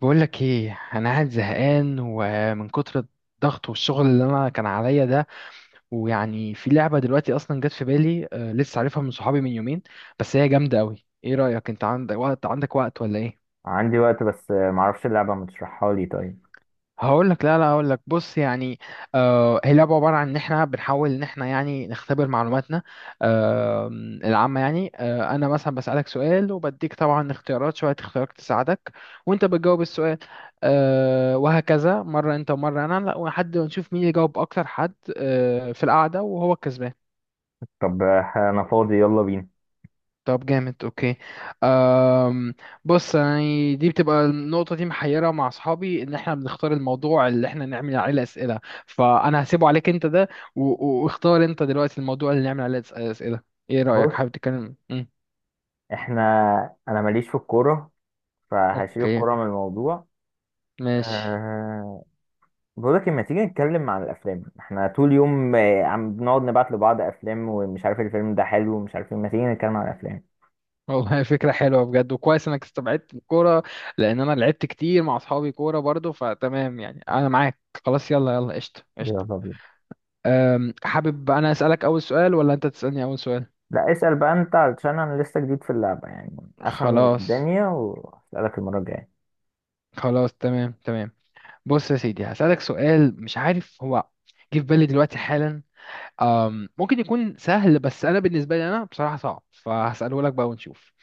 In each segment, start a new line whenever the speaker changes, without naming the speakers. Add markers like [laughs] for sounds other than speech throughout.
بقول لك ايه، انا قاعد زهقان ومن كتر الضغط والشغل اللي انا كان عليا ده. ويعني في لعبه دلوقتي اصلا جت في بالي، لسه عارفها من صحابي من يومين. بس هي جامده قوي. ايه رايك؟ انت عندك وقت؟ عندك وقت ولا ايه؟
عندي وقت بس معرفش اللعبة ما تشرحها لي طيب.
هقول لك، لا لا، هقول لك بص يعني. آه، هي لعبه عباره عن ان احنا بنحاول ان احنا يعني نختبر معلوماتنا. آه. العامه يعني. انا مثلا بسالك سؤال وبديك طبعا اختيارات، شويه اختيارات تساعدك وانت بتجاوب السؤال. وهكذا مره انت ومره انا، لا، لحد ما نشوف مين يجاوب اكتر حد في القعده وهو الكسبان.
طب، انا فاضي يلا بينا.
طب جامد، اوكي. أم بص يعني، دي بتبقى النقطة دي محيرة مع اصحابي ان احنا بنختار الموضوع اللي احنا نعمل عليه اسئلة. فانا هسيبه عليك انت ده. واختار انت دلوقتي الموضوع اللي نعمل عليه اسئلة. ايه رأيك؟
بص
حابب تتكلم؟
احنا انا ماليش في الكورة فهشيل
اوكي،
الكورة من الموضوع.
ماشي.
أه... بقولك لما تيجي نتكلم عن الافلام احنا طول يوم عم بنقعد نبعت لبعض افلام ومش عارف الفيلم ده حلو ومش عارف إيه. ما تيجي نتكلم عن الافلام.
والله، [laughs] فكرة حلوة بجد، وكويس انك استبعدت الكورة. لان انا لعبت كتير مع اصحابي كورة برضو، فتمام يعني انا معاك. خلاص، يلا يلا، قشطة
يلا
قشطة.
بينا.
حابب انا اسألك اول سؤال ولا انت تسألني اول سؤال؟
لا، اسأل بقى انت علشان انا لسه جديد في اللعبة يعني، افهم
خلاص.
الدنيا واسألك المرة الجاية.
خلاص، تمام تمام. بص يا سيدي، هسألك سؤال. مش عارف هو، جه في بالي دلوقتي حالا. ممكن يكون سهل، بس أنا بالنسبة لي أنا بصراحة صعب، فهسأله لك بقى ونشوف.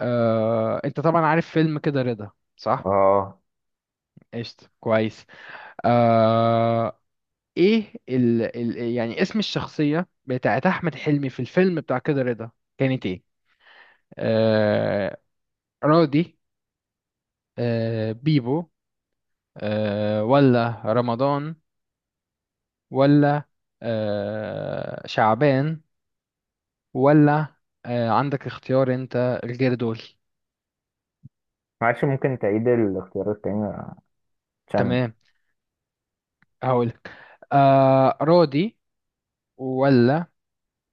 أه، أنت طبعا عارف فيلم كده رضا صح؟
اه
قشطة، كويس. أه. إيه ال يعني اسم الشخصية بتاعت أحمد حلمي في الفيلم بتاع كده رضا كانت إيه؟ أه رودي، بيبو، ولا رمضان، ولا شعبان، ولا عندك اختيار انت الغير دول؟
معلش، ممكن تعيد الاختيارات تاني عشان...
تمام. هقولك. راضي، ولا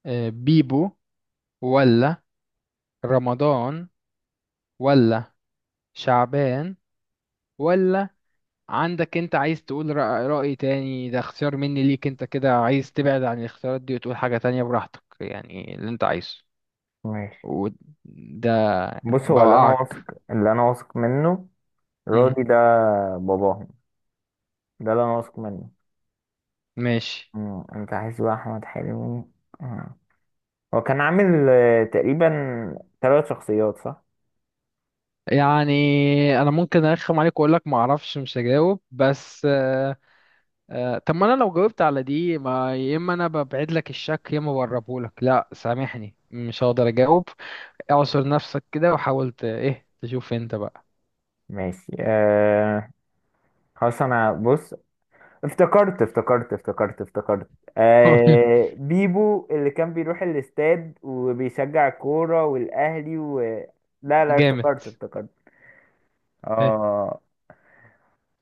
بيبو، ولا رمضان، ولا شعبان، ولا عندك انت عايز تقول رأي تاني؟ ده اختيار مني ليك، انت كده عايز تبعد عن الاختيارات دي وتقول حاجة تانية براحتك يعني اللي انت عايزه.
ماشي.
وده
بص هو اللي انا واثق،
بوقعك.
اللي انا واثق منه
مم.
راضي، ده باباهم، ده اللي انا واثق منه.
ماشي.
مم. انت عايز بقى احمد حلمي؟ آه. هو كان عامل تقريبا ثلاث شخصيات صح؟
يعني انا ممكن ارخم عليك واقول لك ما اعرفش مش هجاوب، بس طب ما انا لو جاوبت على دي، ما يا اما انا ببعد لك الشك يا اما بقربه لك. لا سامحني، مش هقدر اجاوب. اعصر نفسك كده وحاول ايه تشوف انت بقى.
ماشي خلاص. انا بص، افتكرت افتكرت افتكرت افتكرت.
[laughs]
آه، بيبو اللي كان بيروح الاستاد وبيشجع الكورة والاهلي و... لا لا،
جامد.
افتكرت افتكرت.
إيه.
اه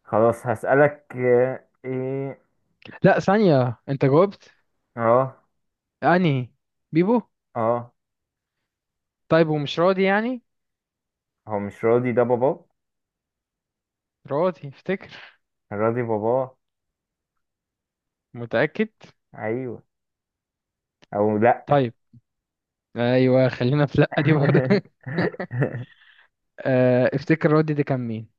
خلاص، هسألك ايه.
لا ثانية، انت جاوبت.
اه،
انهي؟ بيبو؟
اه.
طيب، ومش راضي يعني؟
هو مش راضي، ده باباه.
راضي افتكر.
كان راضي باباه.
متأكد؟
ايوه. او لا.
طيب. ايوه، خلينا في لا دي برضه. [laughs]
[laughs]
افتكر راضي دي كان مين.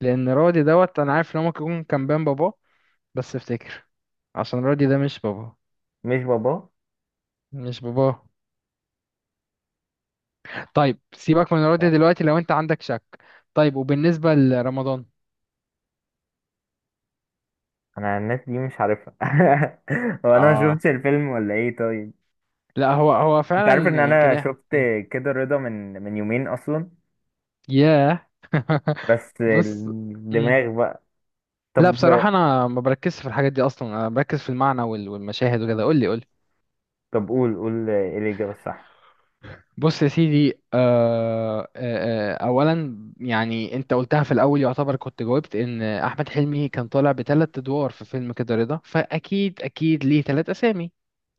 لان رودي دوت، انا عارف ان هو ممكن يكون كان بين باباه، بس افتكر. عشان رودي ده مش باباه.
مش باباه.
مش باباه. طيب سيبك من رودي
لا،
دلوقتي لو انت عندك شك. طيب، وبالنسبة لرمضان؟
انا الناس دي مش عارفها. [laughs] هو انا ما
اه.
شفتش الفيلم ولا ايه طيب.
لا هو هو
انت عارف
فعلا،
ان
يمكن
انا
ايه؟
شفت كده رضا من يومين اصلا،
ياه. [laughs]
بس
بص. مم.
الدماغ بقى.
لا
طب.
بصراحة انا ما بركزش في الحاجات دي اصلا، انا بركز في المعنى والمشاهد وكده. قول لي قول لي.
قول قول ايه الاجابه الصح.
بص يا سيدي، اولا يعني انت قلتها في الاول يعتبر كنت جاوبت ان احمد حلمي كان طالع بثلاث ادوار في فيلم كده رضا، فاكيد اكيد ليه ثلاث اسامي.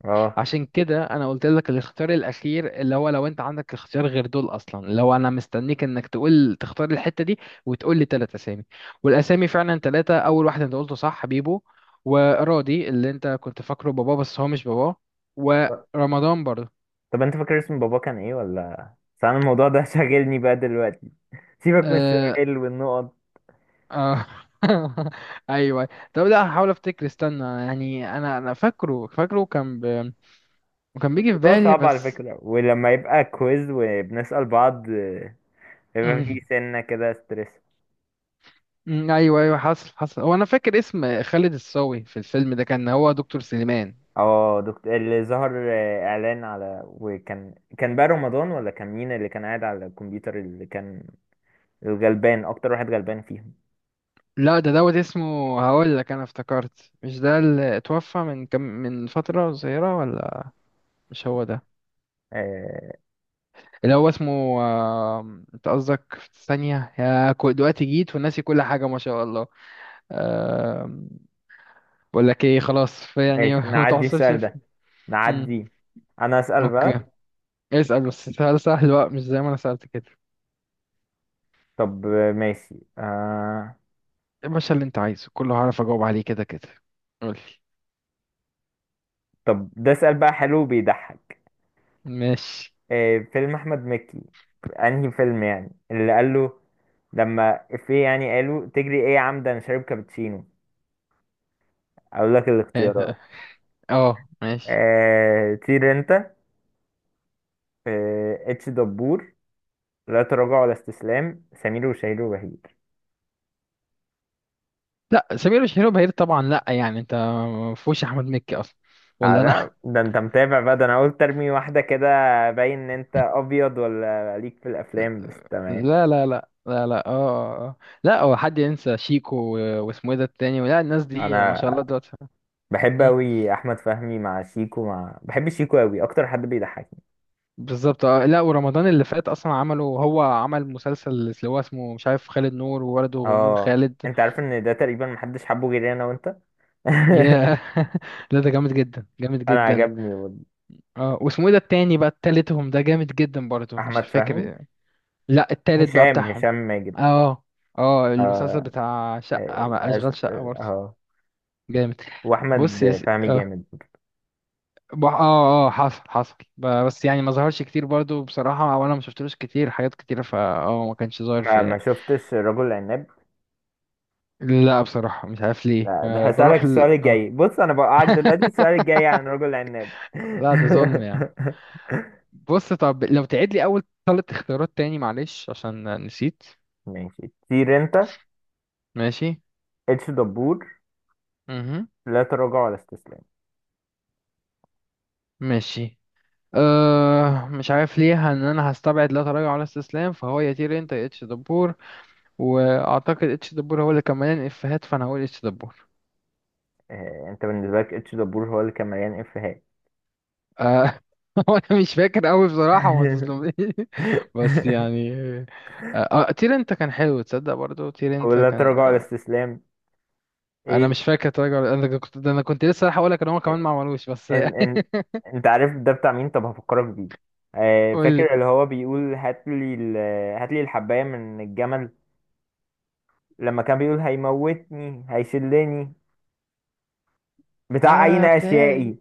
اه.
عشان كده انا قلت لك الاختيار الاخير، اللي هو لو انت عندك اختيار غير دول اصلا، اللي هو انا مستنيك انك تقول تختار الحتة دي وتقول لي ثلاث اسامي. والاسامي فعلا ثلاثة. اول واحد انت قلته صح، بيبو، وراضي اللي انت كنت فاكره باباه، بس هو مش باباه، ورمضان برضه.
طب انت فاكر اسم بابا كان ايه، ولا بس انا الموضوع ده [laughs] شاغلني بقى دلوقتي؟ سيبك من
آه،
السؤال والنقط.
اه. [laughs] ايوه. طب لا هحاول افتكر. استنى يعني، انا فاكره فاكره كان وكان بيجي في
الموضوع
بالي
صعب على
بس.
فكرة، ولما يبقى كويز وبنسأل بعض يبقى في
أمم،
سنة كده ستريس.
أمم، ايوه ايوه، حصل حصل. هو انا فاكر اسم خالد الصاوي في الفيلم ده كان هو دكتور سليمان.
اه، دكتور اللي ظهر اعلان على، وكان كان بقى رمضان، ولا كان مين اللي كان قاعد على الكمبيوتر، اللي كان الغلبان اكتر واحد غلبان فيهم؟
لا ده دوت اسمه، هقول لك انا افتكرت. مش ده اللي اتوفى من كم، من فترة صغيرة، ولا؟ مش هو ده؟
آه
اللي هو اسمه انت قصدك في ثانية يا دلوقتي جيت وناسي كل حاجة ما شاء الله. بقول لك ايه، خلاص في يعني.
ماشي،
[laughs] ما
نعدي
تحصلش
السؤال
في.
ده،
مم.
نعدي. انا اسأل
اوكي.
بقى.
اسأل بس سؤال سهل بقى، مش زي ما انا سألت كده.
طب ماشي
يا باشا، اللي انت عايزه كله هعرف اجاوب عليه كده كده. قولي.
طب، ده سؤال بقى حلو بيضحك.
ماشي.
فيلم احمد مكي، انهي فيلم يعني اللي قال له لما في يعني قالوا تجري ايه يا عمدا انا شارب كابتشينو؟ اقول لك الاختيارات:
[laughs] اه، ماشي.
طير انت، اتش دبور، لا تراجع ولا استسلام، سمير وشهير وبهير.
لا سمير وشهير وبهير طبعا، لا يعني انت ما فيهوش احمد مكي اصلا ولا انا. [laughs]
ده انت متابع بقى، ده انا قلت ارمي واحده كده، باين ان انت ابيض ولا ليك في الافلام، بس تمام.
لا لا لا لا لا، اه، لا هو حد ينسى شيكو واسمه ايه ده التاني؟ لا الناس دي ما
انا
شاء الله دلوقتي.
بحب اوي احمد فهمي مع شيكو، بحب شيكو اوي، اكتر حد بيضحك.
بالظبط. لا ورمضان اللي فات اصلا عمله، هو عمل مسلسل اللي هو اسمه مش عارف خالد نور وولده نور
اه،
خالد.
انت عارف ان ده تقريبا محدش حبه غيري انا وانت. [laughs]
ياه. [laughs] لا ده جامد جدا، جامد
انا
جدا.
عجبني
اه، واسمه ايه ده التاني بقى؟ التالتهم ده جامد جدا برضه، مش
احمد فهمي.
فاكر. لا، التالت بقى
هشام
بتاعهم.
هشام ماجد.
اه اه. المسلسل
اه.
بتاع شقة،
أست...
اشغال شقة برضه.
اه
جامد.
واحمد
بص يا
فهمي
اه،
جامد.
اه اه، حصل حصل، بس يعني ما ظهرش كتير برضه بصراحة، وانا ما شفتلوش كتير حاجات كتيرة فا اه، ما كانش ظاهر
ما,
في.
ما شفتش رجل العناب.
لا بصراحة مش عارف ليه،
لا، ده هسألك
بروح
السؤال
اه.
الجاي، بص انا بوقعك دلوقتي، السؤال
[laughs]
الجاي عن رجل العناب.
لا ده ظلم يا عم.
[laughs]
بص، طب لو تعيد لي أول ثلاث اختيارات تاني، معلش عشان نسيت.
ماشي، طير انت،
ماشي.
اتش دبور،
مهم.
لا تراجع ولا استسلام.
ماشي. مش عارف ليه ان انا هستبعد لا تراجع ولا استسلام، فهو يا تير انت يا اتش دبور. واعتقد اتش دبور هو اللي كان مليان افيهات، فانا هقول اتش دبور.
آه، انت بالنسبه لك اتش دبور هو اللي كان مليان افيهات.
أه. [laughs] هو انا مش فاكر قوي بصراحة، وما تظلمنيش. [laughs] بس
[laughs]
يعني. أه آه، تير انت كان حلو تصدق برضو، تير انت
ولا
كان
تراجع ولا استسلام؟
انا
ايه.
مش فاكر تراجع انا كنت لسه رايح اقول لك ان هم كمان ما عملوش، بس
ان
يعني.
ان
[laughs]
انت عارف ده بتاع مين؟ طب هفكرك بيه. آه،
قول لي.
فاكر اللي هو بيقول هات لي ال... هات لي الحبايه من الجمل، لما كان بيقول هيموتني هيشلني، بتاع اين
اه بتهيألي.
اشيائي.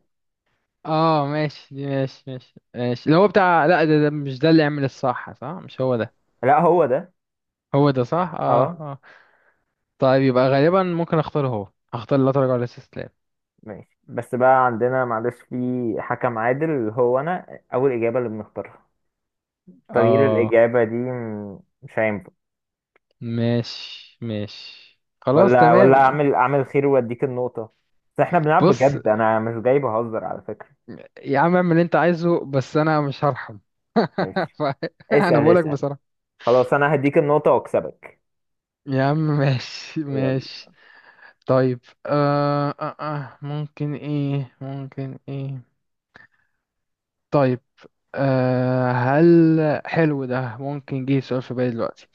اه ماشي دي، ماشي ماشي ماشي. اللي هو بتاع، لا ده, ده مش ده اللي يعمل الصح. صح، مش هو ده؟
لا، هو ده.
هو ده صح. اه
اه
اه. طيب يبقى غالبا ممكن اختار هو، هختار لا تراجع ولا استسلام.
ماشي، بس بقى عندنا معلش، في حكم عادل، هو انا اول اجابه اللي بنختارها، تغيير
اه
الاجابه دي مش هينفع.
ماشي ماشي. خلاص
ولا
تمام.
اعمل اعمل خير واديك النقطه. بس احنا بنلعب
بص
بجد، انا مش جاي بهزر على فكره.
يا عم، اعمل اللي انت عايزه، بس انا مش هرحم. [laughs]
ماشي،
انا
اسأل
بقولك
اسأل.
بصراحة.
خلاص أنا هديك النقطة وأكسبك.
يا عم، ماشي
يلا.
ماشي. طيب. ممكن ايه؟ ممكن ايه؟ طيب. هل حلو ده ممكن، جه سؤال في بالي دلوقتي.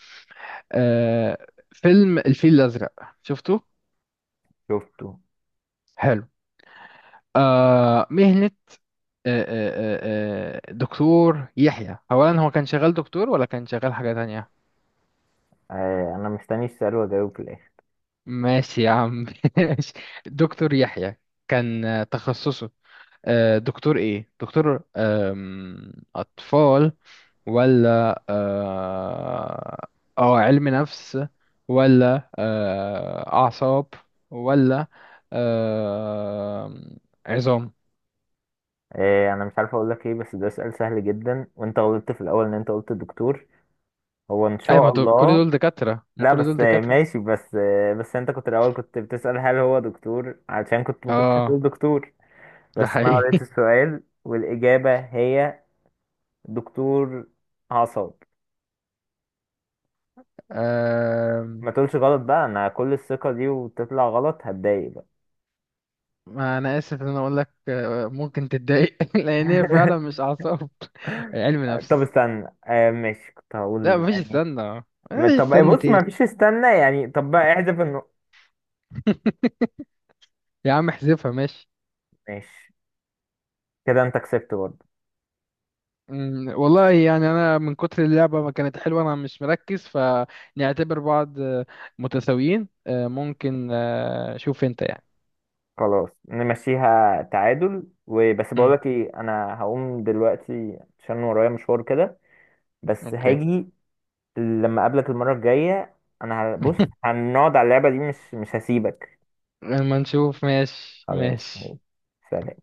آه. فيلم الفيل الأزرق، شفته؟
شفته.
حلو. مهنة، آه آه دكتور يحيى، أولا هو كان شغال دكتور ولا كان شغال حاجة تانية؟
آه أنا مستني السؤال وأجاوب في الآخر.
ماشي يا عم، [laughs] ماشي. دكتور يحيى كان تخصصه دكتور ايه؟ دكتور اطفال، ولا اه علم نفس، ولا أعصاب، ولا آه عظام؟
آه أنا مش عارف أقول لك إيه، بس ده سؤال سهل جدا، وأنت غلطت في الأول إن أنت قلت دكتور، هو إن
أي ما
شاء
دول كل
الله.
دول دكاترة،
[laughs]
ما
لا
كل دول
بس
دكاترة.
ماشي، بس بس أنت كنت الأول كنت بتسأل هل هو دكتور، علشان كنت ما كنتش
اه.
هتقول دكتور،
ده
بس أنا
حقيقي.
قريت
[laughs]
السؤال والإجابة هي دكتور أعصاب.
آه
ما تقولش غلط بقى، أنا كل الثقة دي وتطلع غلط، هتضايق بقى.
ما أنا آسف إن أنا أقول لك، ممكن تتضايق. [laughs] لأن هي فعلا
[laughs]
مش أعصاب، هي علم
طب
نفس.
استنى آه ماشي كنت
لا،
هقول
مفيش
يعني.
استنى. مفيش
طب
استنى
بص،
ايه؟
ما فيش استنى يعني؟ طب بقى احذف النقط.
[laughs] يا عم احذفها، ماشي.
ماشي، كده انت كسبت برضه.
والله يعني انا من كتر اللعبه ما كانت حلوه انا مش مركز، فنعتبر بعض متساويين، ممكن، شوف انت يعني.
خلاص نمشيها تعادل وبس.
مم،
بقولك ايه، انا هقوم دلوقتي عشان ورايا مشوار كده، بس
اوكي.
هاجي لما اقابلك المرة الجاية. انا بص،
[laughs]
هنقعد على اللعبة دي، مش هسيبك.
لما نشوف، ماشي
خلاص،
ماشي
سلام.